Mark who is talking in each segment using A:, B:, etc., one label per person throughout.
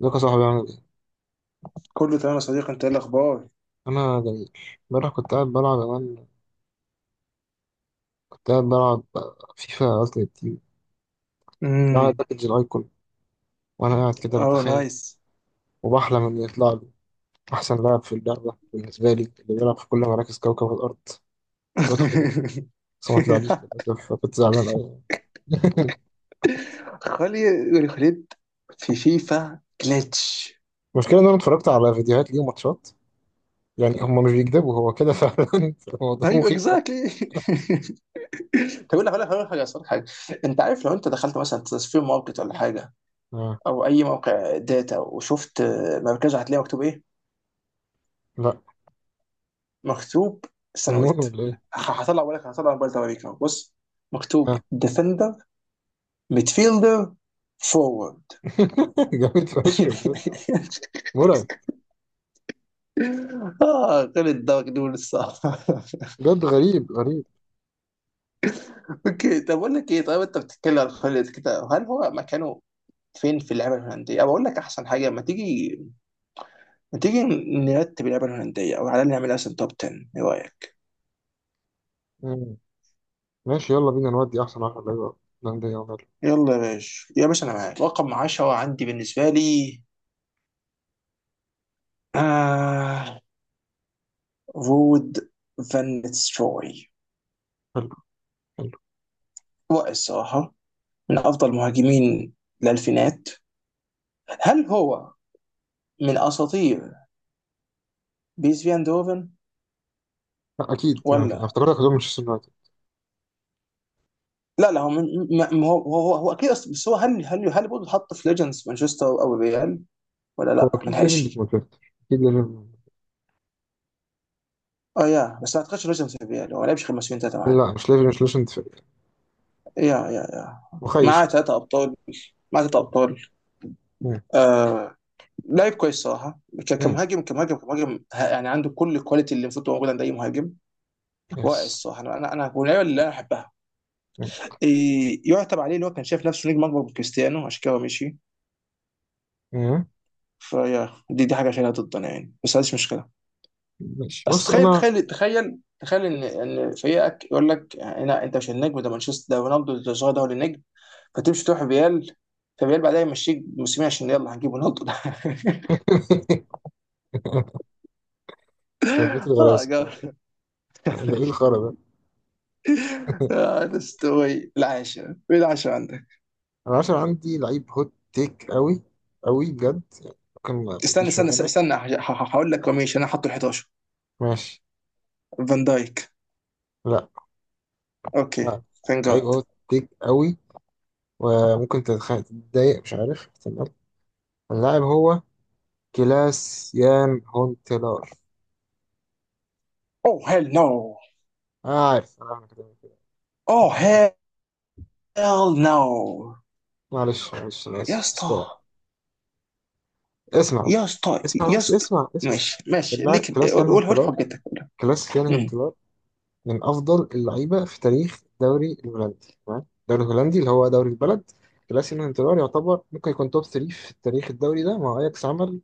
A: ازيك يا صاحبي؟ عامل ايه؟
B: كله تمام يا صديقي، انت ايه الاخبار؟
A: أنا جميل، امبارح كنت قاعد بلعب أمان. كنت قاعد بلعب فيفا ألتيمت تيم، بلعب
B: امم
A: باكج الأيكون وأنا قاعد كده
B: اه،
A: بتخيل
B: نايس.
A: وبحلم إن يطلع لي أحسن لاعب في اللعبة بالنسبة لي، اللي بيلعب في كل مراكز كوكب الأرض، الواد خالد. بس ما طلعليش للأسف، فكنت زعلان أوي.
B: خليت في فيفا جلitch.
A: المشكلة إن أنا اتفرجت على فيديوهات ليه وماتشات، يعني هما مش بيكذبوا، هو كده فعلا. الموضوع
B: ايوه
A: مخيف أوي.
B: اكزاكتلي. طب اقول لك حاجه، أصل. انت عارف لو انت دخلت مثلا تصفير ماركت ولا حاجه
A: آه.
B: او اي موقع داتا وشفت مركزه، هتلاقي مكتوب ايه؟
A: لا،
B: مكتوب
A: فنون
B: سنويت.
A: ولا إيه؟
B: هطلع اقول لك، هطلع موبايل ده اوريك اهو. بص، مكتوب
A: آه.
B: ديفندر، ميدفيلدر، فورورد.
A: جامد فشخ بجد. مرعب.
B: اه، خالد ده مجنون الصراحه.
A: بجد غريب.
B: اوكي، طب اقول لك ايه، طيب انت بتتكلم عن خالد كده، هل هو مكانه فين في اللعبه الهولنديه؟ او اقول لك احسن حاجه، ما تيجي ما تيجي نرتب اللعبه الهولنديه او على الأقل نعمل مثلا توب 10. ايه رايك؟
A: آه. ماشي، يلا بينا نودي احسن واحد. ايوه، هولندا يلا.
B: يلا يا باشا يا باشا، انا معاك. رقم 10 عندي بالنسبه لي آه رود فان نيتستروي.
A: حلو. حلو.
B: رائع الصراحه، من افضل مهاجمين الالفينات. هل هو من اساطير بيس فيان دوفن؟
A: لا، اكيد دي ما في، انا
B: ولا
A: افتكرتك هتقول مانشستر يونايتد.
B: لا لا، هو ما هو هو اكيد بس هو هل هل برضه اتحط في ليجندز مانشستر او الريال ولا
A: هو
B: لا ما
A: اكيد ليجند في
B: لحقش؟
A: مانشستر، اكيد ليجند.
B: اه، يا بس ما اعتقدش ليجندز في الريال، هو ما لعبش غير موسمين ثلاثه معانا.
A: لا، مش ليجند، مش ليجند فريق.
B: يا يا
A: مخيش
B: معاه
A: اصلا.
B: ثلاثه ابطال، معاه ثلاثه ابطال.
A: مم.
B: آه، لعيب كويس صراحه.
A: مم.
B: كمهاجم كمهاجم يعني عنده كل الكواليتي اللي المفروض تبقى موجوده عند اي مهاجم.
A: يس.
B: واقع الصراحه، انا واللعيبه اللي انا احبها
A: مم.
B: إيه، يعتب عليه اللي هو كان شايف نفسه نجم اكبر من كريستيانو، عشان كده هو مشي.
A: مم.
B: فيا دي حاجه شايلها ضدنا يعني، بس هذه مش مشكله.
A: ماشي،
B: بس
A: بص
B: تخيل
A: انا.
B: تخيل تخيل تخيل ان فريقك يقول لك لا، انت مش النجم، ده مانشستر ده، رونالدو الظاهر ده هو اللي النجم. فتمشي تروح ريال، فريال بعدها يمشيك موسمين عشان يلا هنجيب رونالدو ده.
A: بيت
B: اه،
A: الغلاسه.
B: جاب.
A: ده ايه الخرا ده؟
B: ده استوي العاشرة؟ ايه العاشرة عندك؟
A: انا عشان عندي لعيب هوت تيك قوي، قوي بجد، ممكن ما يجيش في بالك.
B: استنى. هقول لك وميش انا حاطه ال 11
A: ماشي.
B: فان دايك.
A: لا
B: اوكي،
A: لا.
B: ثانك
A: لعيب
B: جاد.
A: هوت تيك قوي، وممكن تتضايق، مش عارف، تمام؟ اللاعب هو كلاس يان هون تيلار.
B: اوه هيل نو.
A: آه عارف، آه، أنا عارف كده كده.
B: اوه هيل نو.
A: معلش معلش، أنا
B: يا
A: آسف بس
B: اسطى
A: اسمع اسمع
B: يا اسطى
A: اسمع
B: يا
A: بس
B: اسطى.
A: اسمع اسمع
B: ماشي
A: اسمع
B: ماشي
A: اللاعب
B: ليك،
A: كلاس يان هون
B: قول، قول
A: تيلار،
B: حجتك قولها.
A: كلاس يان هون
B: امم
A: تيلار من أفضل اللعيبة في تاريخ الدوري الهولندي، تمام؟ الدوري الهولندي اللي هو دوري البلد. كلاس يان هون تيلار يعتبر ممكن يكون توب 3 في التاريخ الدوري ده. مع أياكس عمل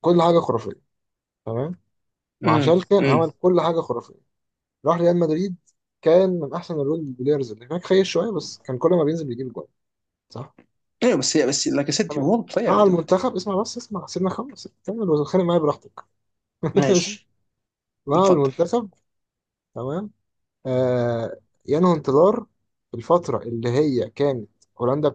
A: كل حاجة خرافية، تمام؟ مع
B: امم
A: شالكة
B: امم
A: عمل كل حاجة خرافية. راح ريال مدريد، كان من أحسن الرول بلايرز اللي هناك، خير شوية، بس كان كل ما بينزل بيجيب جول، صح؟
B: ايوه، بس لاكازيت
A: تمام.
B: وول بلاير يا
A: مع
B: دود.
A: المنتخب، اسمع بس اسمع، سيبنا خمس كمل وتتخانق معايا براحتك. ماشي.
B: ماشي،
A: مع
B: اتفضل.
A: المنتخب، تمام، آه، ينهو انتظار الفترة اللي هي كانت هولندا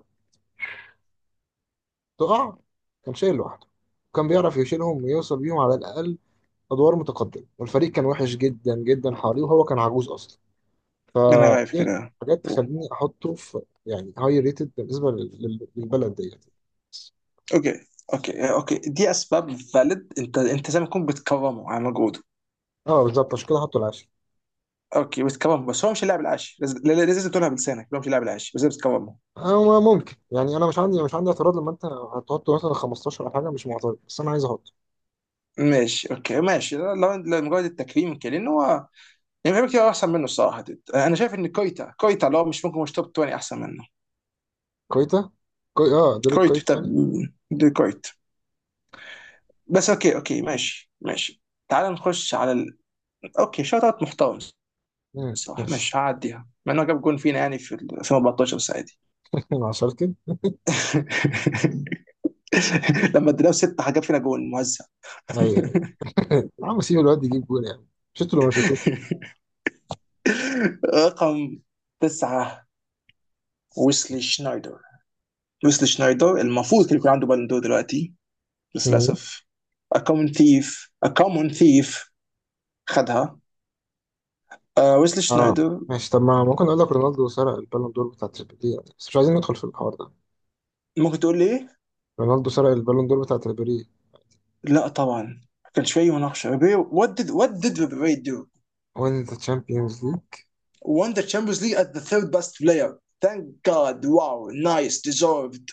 A: بتقع، كان شايل لوحده، كان بيعرف يشيلهم ويوصل بيهم على الأقل أدوار متقدمة، والفريق كان وحش جدا جدا حواليه، وهو كان عجوز أصلا.
B: انا عارف
A: فدي
B: كده.
A: حاجات
B: أوه.
A: تخليني أحطه في يعني هاي ريتد بالنسبة للبلد ديت.
B: اوكي، اوكي دي اسباب فاليد. انت زي ما تكون بتكرمه على مجهوده.
A: اه بالظبط، عشان كده حطه العاشر.
B: اوكي بتكرمه، بس هو مش اللاعب العاشي، لازم لازم تقولها بلسانك، هو مش اللاعب العاشي، بس بتكرمه.
A: هو ممكن يعني انا مش عندي اعتراض لما انت هتحط مثلا 15 او حاجه، مش معترض، بس انا عايز احط
B: ماشي اوكي، ماشي، لو مجرد التكريم كده، لان هو يعني في حاجات كتير احسن منه الصراحه دود. انا شايف ان كويتا، كويتا لو مش ممكن مش توب 20 احسن منه.
A: كويتا. اه دوري
B: كويت؟
A: الكويت
B: طب
A: يعني.
B: دي كويت. بس اوكي اوكي، ماشي ماشي. تعال نخش على ال... اوكي، شوت اوت محترم.
A: مم،
B: صح،
A: ماشي.
B: ماشي، هعديها مع انه جاب جون فينا يعني في 2014، بس عادي.
A: مع شالكن.
B: لما اديناه ستة جاب فينا جون موزع.
A: ايوه يا عم، سيب الواد يجيب جول يعني، شفتوا لو ما شفتوه.
B: رقم تسعة، ويسلي شنايدر. ويسلي شنايدر المفروض كان يكون عنده بالون دور دلوقتي، بس
A: مم.
B: للأسف A common thief. A common thief. خدها. آه، ويسلي
A: اه
B: شنايدر.
A: ماشي، طب ما ممكن اقول لك رونالدو سرق البالون دور بتاع تريبيري يعني، بس مش عايزين ندخل في الحوار ده.
B: ممكن تقول لي ايه؟
A: رونالدو سرق البالون دور بتاع تريبيري.
B: لا طبعا، كان شويه مناقشه ريبيري. What did Ribery do?
A: وين ذا تشامبيونز ليج.
B: Won the Champions League as the third best player. Thank God, wow, nice, deserved.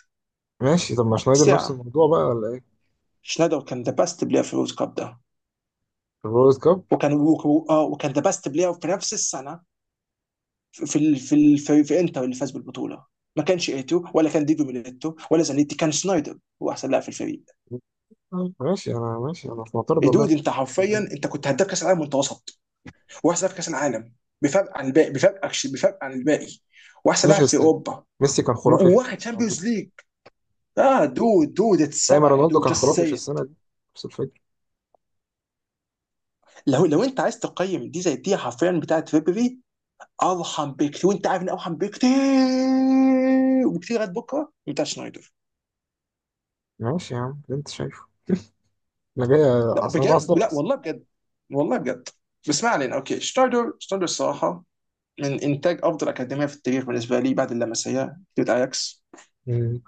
A: ماشي، طب ما شنايدر نفس
B: ساعة،
A: الموضوع بقى ولا ايه؟
B: شنايدر كان the best player في الورد كاب ده،
A: الورلد كاب.
B: وكان آه، وكان the best player في نفس السنه في في انتر اللي فاز بالبطوله. ما كانش ايتو ولا كان ديجو ميليتو ولا زانيتي، كان شنايدر هو احسن لاعب في الفريق.
A: آه، ماشي انا، ماشي انا في معترض والله.
B: الدود انت حرفيا انت كنت هداف كاس العالم وانت وسط، واحسن لاعب في كاس العالم، بفرق عن الباقي، بفرق بفرق عن الباقي، واحسن
A: ماشي
B: لاعب في
A: بس
B: اوروبا،
A: ميسي كان خرافي في السنة
B: وواخد
A: دي عامة.
B: شامبيونز ليج. اه دود، دود
A: دايما
B: اتسرق يا
A: رونالدو
B: دود،
A: كان
B: جاست
A: خرافي في
B: سي
A: السنة
B: ات.
A: دي، نفس الفكرة.
B: لو انت عايز تقيم دي زي دي حرفيا بتاعت فيبري، ارحم بكتير وانت عارف ان ارحم بكتير، وكتير لغايه بكره بتاع شنايدر.
A: ماشي يا عم، اللي انت شايفه. انا جاي.
B: لا
A: انا
B: بجد،
A: بعصبك.
B: لا والله بجد. والله بجد. بس ما علينا. اوكي شنايدر، شنايدر الصراحه من انتاج افضل اكاديميه في التاريخ بالنسبه لي بعد اللمسيه ضد اياكس.
A: مم.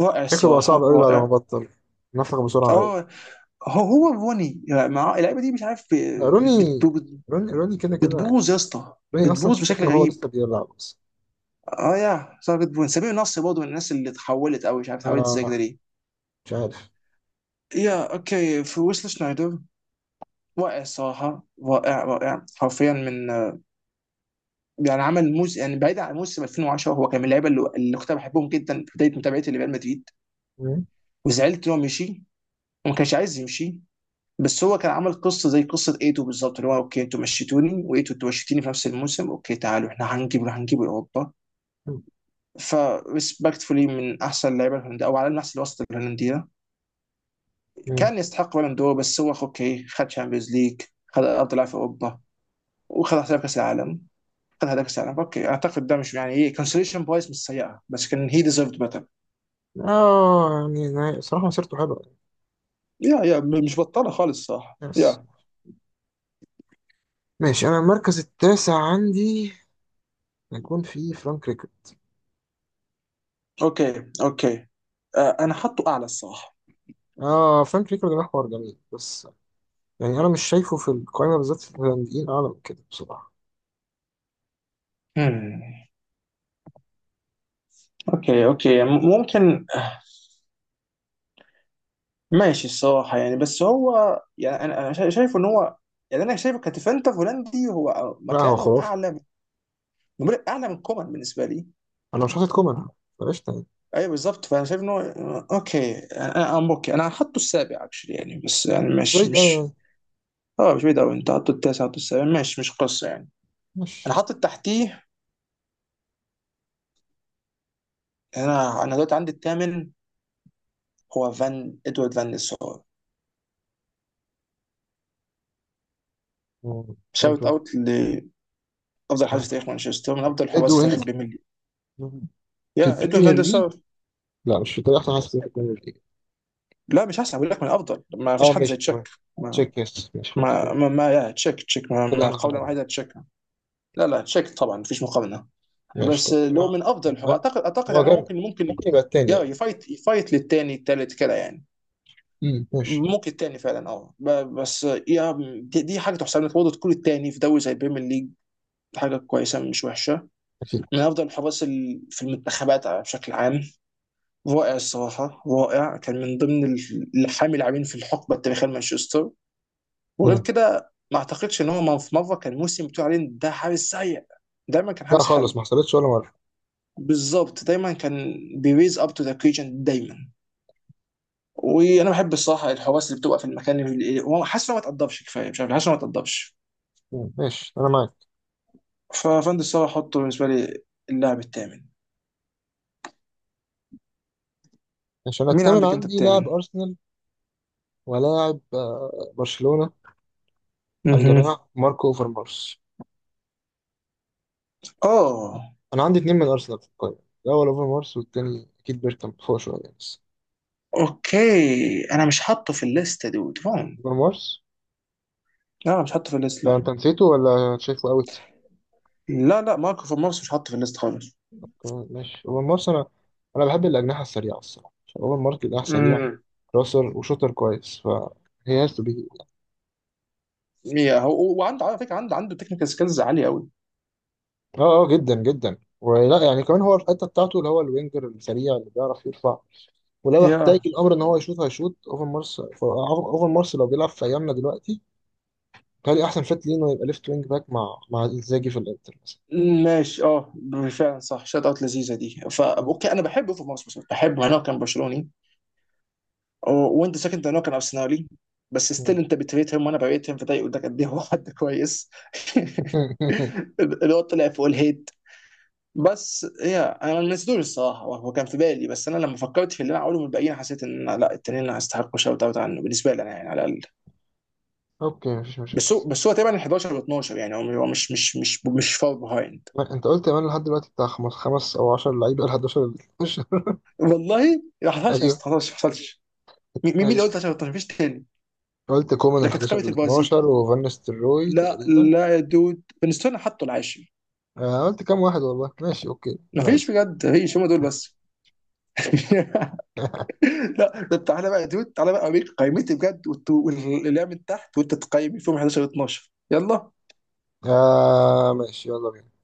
B: رائع
A: شكله بقى صعب
B: الصراحه
A: قوي بعد ما
B: رائع.
A: بطل، نفخ بسرعة قوي.
B: اه، هو روني مع اللعيبه دي مش عارف
A: لا، روني، روني كده كده يعني.
B: بتبوظ يا اسطى،
A: روني اصلا
B: بتبوظ بشكل
A: تخن وهو
B: غريب.
A: لسه بيلعب اصلا.
B: اه يا صار بتبوظ. سمير نصر برضه من الناس اللي اتحولت قوي، مش عارف اتحولت ازاي كده
A: آه،
B: ليه.
A: مش عارف.
B: يا اوكي، في ويسل شنايدر، واقع الصراحه رائع، رائع حرفيا من آه، يعني عمل موس، يعني بعيد عن موسم 2010، هو كان من اللعيبه اللي كنت بحبهم جدا في بدايه متابعتي لريال مدريد.
A: مم.
B: وزعلت ان هو مشي وما كانش عايز يمشي، بس هو كان عمل قصه زي قصه ايتو بالظبط، اللي هو اوكي انتوا مشيتوني، وايتو انتوا مشيتيني في نفس الموسم، اوكي تعالوا احنا هنجيبه لاوروبا. فريسبكتفولي من احسن اللعيبه الهولنديه او على الاقل من احسن الوسط الهولنديه.
A: مم.
B: كان يستحق بالون دور، بس هو اوكي خد شامبيونز ليج، خد افضل لاعب في اوروبا، وخد هداف كاس العالم، خد هداف كاس العالم. اوكي اعتقد ده مش يعني ايه كونسوليشن برايس مش سيئه، بس كان هي ديزيرفد بيتر.
A: اه يعني نهاية، صراحة مسيرته حلوة يعني.
B: يا مش بطاله خالص، صح
A: يس.
B: يا.
A: ماشي، انا المركز التاسع عندي هيكون في فرانك ريكارد.
B: اوكي اوكي، آه انا حاطه اعلى الصراحه.
A: اه فرانك ريكارد ده حوار جميل، بس يعني انا مش شايفه في القائمه بالذات في الهولنديين اعلى من كده بصراحه.
B: مم. اوكي اوكي، ممكن. ماشي الصراحه يعني، بس هو يعني انا شايف ان هو يعني انا شايفه كديفندر هولندي هو
A: لا هو
B: مكانه
A: خرافي.
B: اعلى. نمرق اعلى من كومان بالنسبه لي.
A: انا مش حاطط كومان، بلاش تاني.
B: ايوه بالظبط، فانا شايف ان هو اوكي، انا ام اوكي انا هحطه السابع اكشلي يعني، بس يعني
A: مش بعيد قوي
B: مش
A: يعني.
B: اه، مش بعيد قوي، انت حاطه التاسع، حاطه السابع ماشي، مش قصه يعني. انا
A: ماشي.
B: حاطط تحتيه. انا دلوقتي عندي الثامن، هو فان ادوارد فان نيسار.
A: مم.
B: شاوت
A: ادو.
B: اوت لافضل حارس في تاريخ مانشستر، من افضل الحراس في
A: ادوين.
B: تاريخ البريمير ليج.
A: في
B: يا ادوارد فان
A: البريمير ليج.
B: نيسار.
A: لا مش في طريق احسن حاسس في البريمير ليج.
B: لا مش احسن، بقول لك من افضل، ما فيش
A: اه
B: حد زي
A: ماشي تمام.
B: تشيك. ما
A: تشيك يس، ماشي خلاص
B: ما
A: كده.
B: ما, ما يا تشيك، تشيك ما,
A: كده
B: ما
A: احنا
B: قولا
A: حللنا.
B: واحدا تشيك. لا لا، تشيك طبعا مفيش مقارنه،
A: ماشي،
B: بس
A: طب
B: اللي
A: انا
B: هو
A: عندي
B: من افضل الحروب
A: المركز.
B: اعتقد، اعتقد
A: هو
B: يعني هو
A: جامد،
B: ممكن
A: ممكن يبقى التاني
B: يا
A: يعني.
B: يفايت، يفايت للتاني التالت كده يعني.
A: امم، ماشي.
B: ممكن التاني فعلا اه، بس يا دي حاجه تحسب لك برضه تكون التاني في دوري زي البريمير ليج، حاجه كويسه مش وحشه.
A: اكيد.
B: من افضل الحراس في المنتخبات بشكل عام. رائع الصراحه، رائع. كان من ضمن الحامي لاعبين في الحقبه التاريخيه لمانشستر. وغير
A: مم.
B: كده، ما اعتقدش ان هو في مره كان موسم بتقول عليه إن ده حارس سيء. دايما كان
A: لا
B: حارس
A: خالص، ما
B: حلو.
A: حصلتش ولا مره.
B: بالظبط دايما كان بيريز اب تو ذا اوكيجن دايما. وانا بحب الصراحه الحواس اللي بتبقى في المكان اللي هو حاسس انه ما تقدرش كفايه، مش عارف، حاسس انه ما تقدرش.
A: ماشي انا معاك.
B: ففند الصراحه، حطه بالنسبه لي اللاعب الثامن.
A: ماشي، انا
B: مين
A: التامن
B: عندك انت
A: عندي لاعب
B: الثامن؟
A: ارسنال ولاعب آه، برشلونه،
B: اها.
A: الجناح ماركو اوفرمارس.
B: اه.
A: انا عندي اتنين من ارسنال في القائمه، الاول اوفرمارس والتاني اكيد بيركامب فوق شويه بس.
B: اوكي انا مش حاطه في الليست دود، فاهم؟
A: اوفرمارس،
B: لا مش حاطه في الليست،
A: ده
B: لا.
A: انت نسيته ولا شايفه اوت؟
B: لا ماركو فان مارس مش حاطه في الليست خالص.
A: تمام، ماشي اوفرمارس. انا انا بحب الاجنحه السريعه الصراحه، عشان اوفرمارس جناح سريع،
B: امم.
A: كراسر وشوتر كويس، فهي هاز تو بي.
B: يا، هو وعنده على فكره، عنده تكنيكال سكيلز عاليه قوي.
A: اه اه جدا جدا، ولا يعني كمان هو الحته بتاعته اللي هو الوينجر السريع اللي بيعرف يرفع، ولو احتاج
B: يا
A: الامر ان هو يشوط هيشوط. اوفرمارس، اوفرمارس لو بيلعب في ايامنا دلوقتي كان احسن فات ليه انه يبقى ليفت وينج باك مع انزاجي في الانتر مثلا.
B: ماشي اه. فعلا صح، شوت اوت لذيذه دي. فا
A: مم.
B: اوكي، انا بحب اوفر مارس، بس بحبه انا كان برشلوني، وانت ساكن ده هنا كان ارسنالي، بس ستيل
A: مم.
B: انت بتريتهم وانا بريتهم، فده يقول لك قد ايه هو حد كويس. اللي هو طلع فوق الهيت. بس هي انا ما نسيتوش الصراحه، هو كان في بالي، بس انا لما فكرت في اللي انا اقوله من الباقيين، حسيت ان لا التانيين هيستحقوا شوت اوت عنه بالنسبه لي انا يعني على الاقل.
A: اوكي، مفيش مشاكل.
B: بس هو تقريبا 11 و 12 يعني، هو هو مش مش فار بيهايند.
A: ما انت قلت كمان لحد دلوقتي بتاع خمس خمس او 10 لعيبه، ال 11 ال 12.
B: والله ما حصلش ما
A: ايوه.
B: حصلش ما حصلش. مين اللي
A: ماشي،
B: قلت عشان 13؟ مفيش تاني.
A: قلت كومان
B: ده
A: ال
B: كانت
A: 11
B: قائمه
A: ال
B: البرازيل.
A: 12 وفان نيستلروي
B: لا
A: تقريبا.
B: لا يا دود، بنستون حطوا العاشر.
A: آه قلت كام واحد والله، ماشي اوكي انا
B: مفيش
A: اسف.
B: بجد، مفيش، هم دول بس. لا طب تعالى بقى يا دود، تعالى بقى اوريك قائمتي بجد. واللعب من تحت وانت تقيمي فيهم 11 و 12. يلا.
A: آه ماشي، يلا بينا.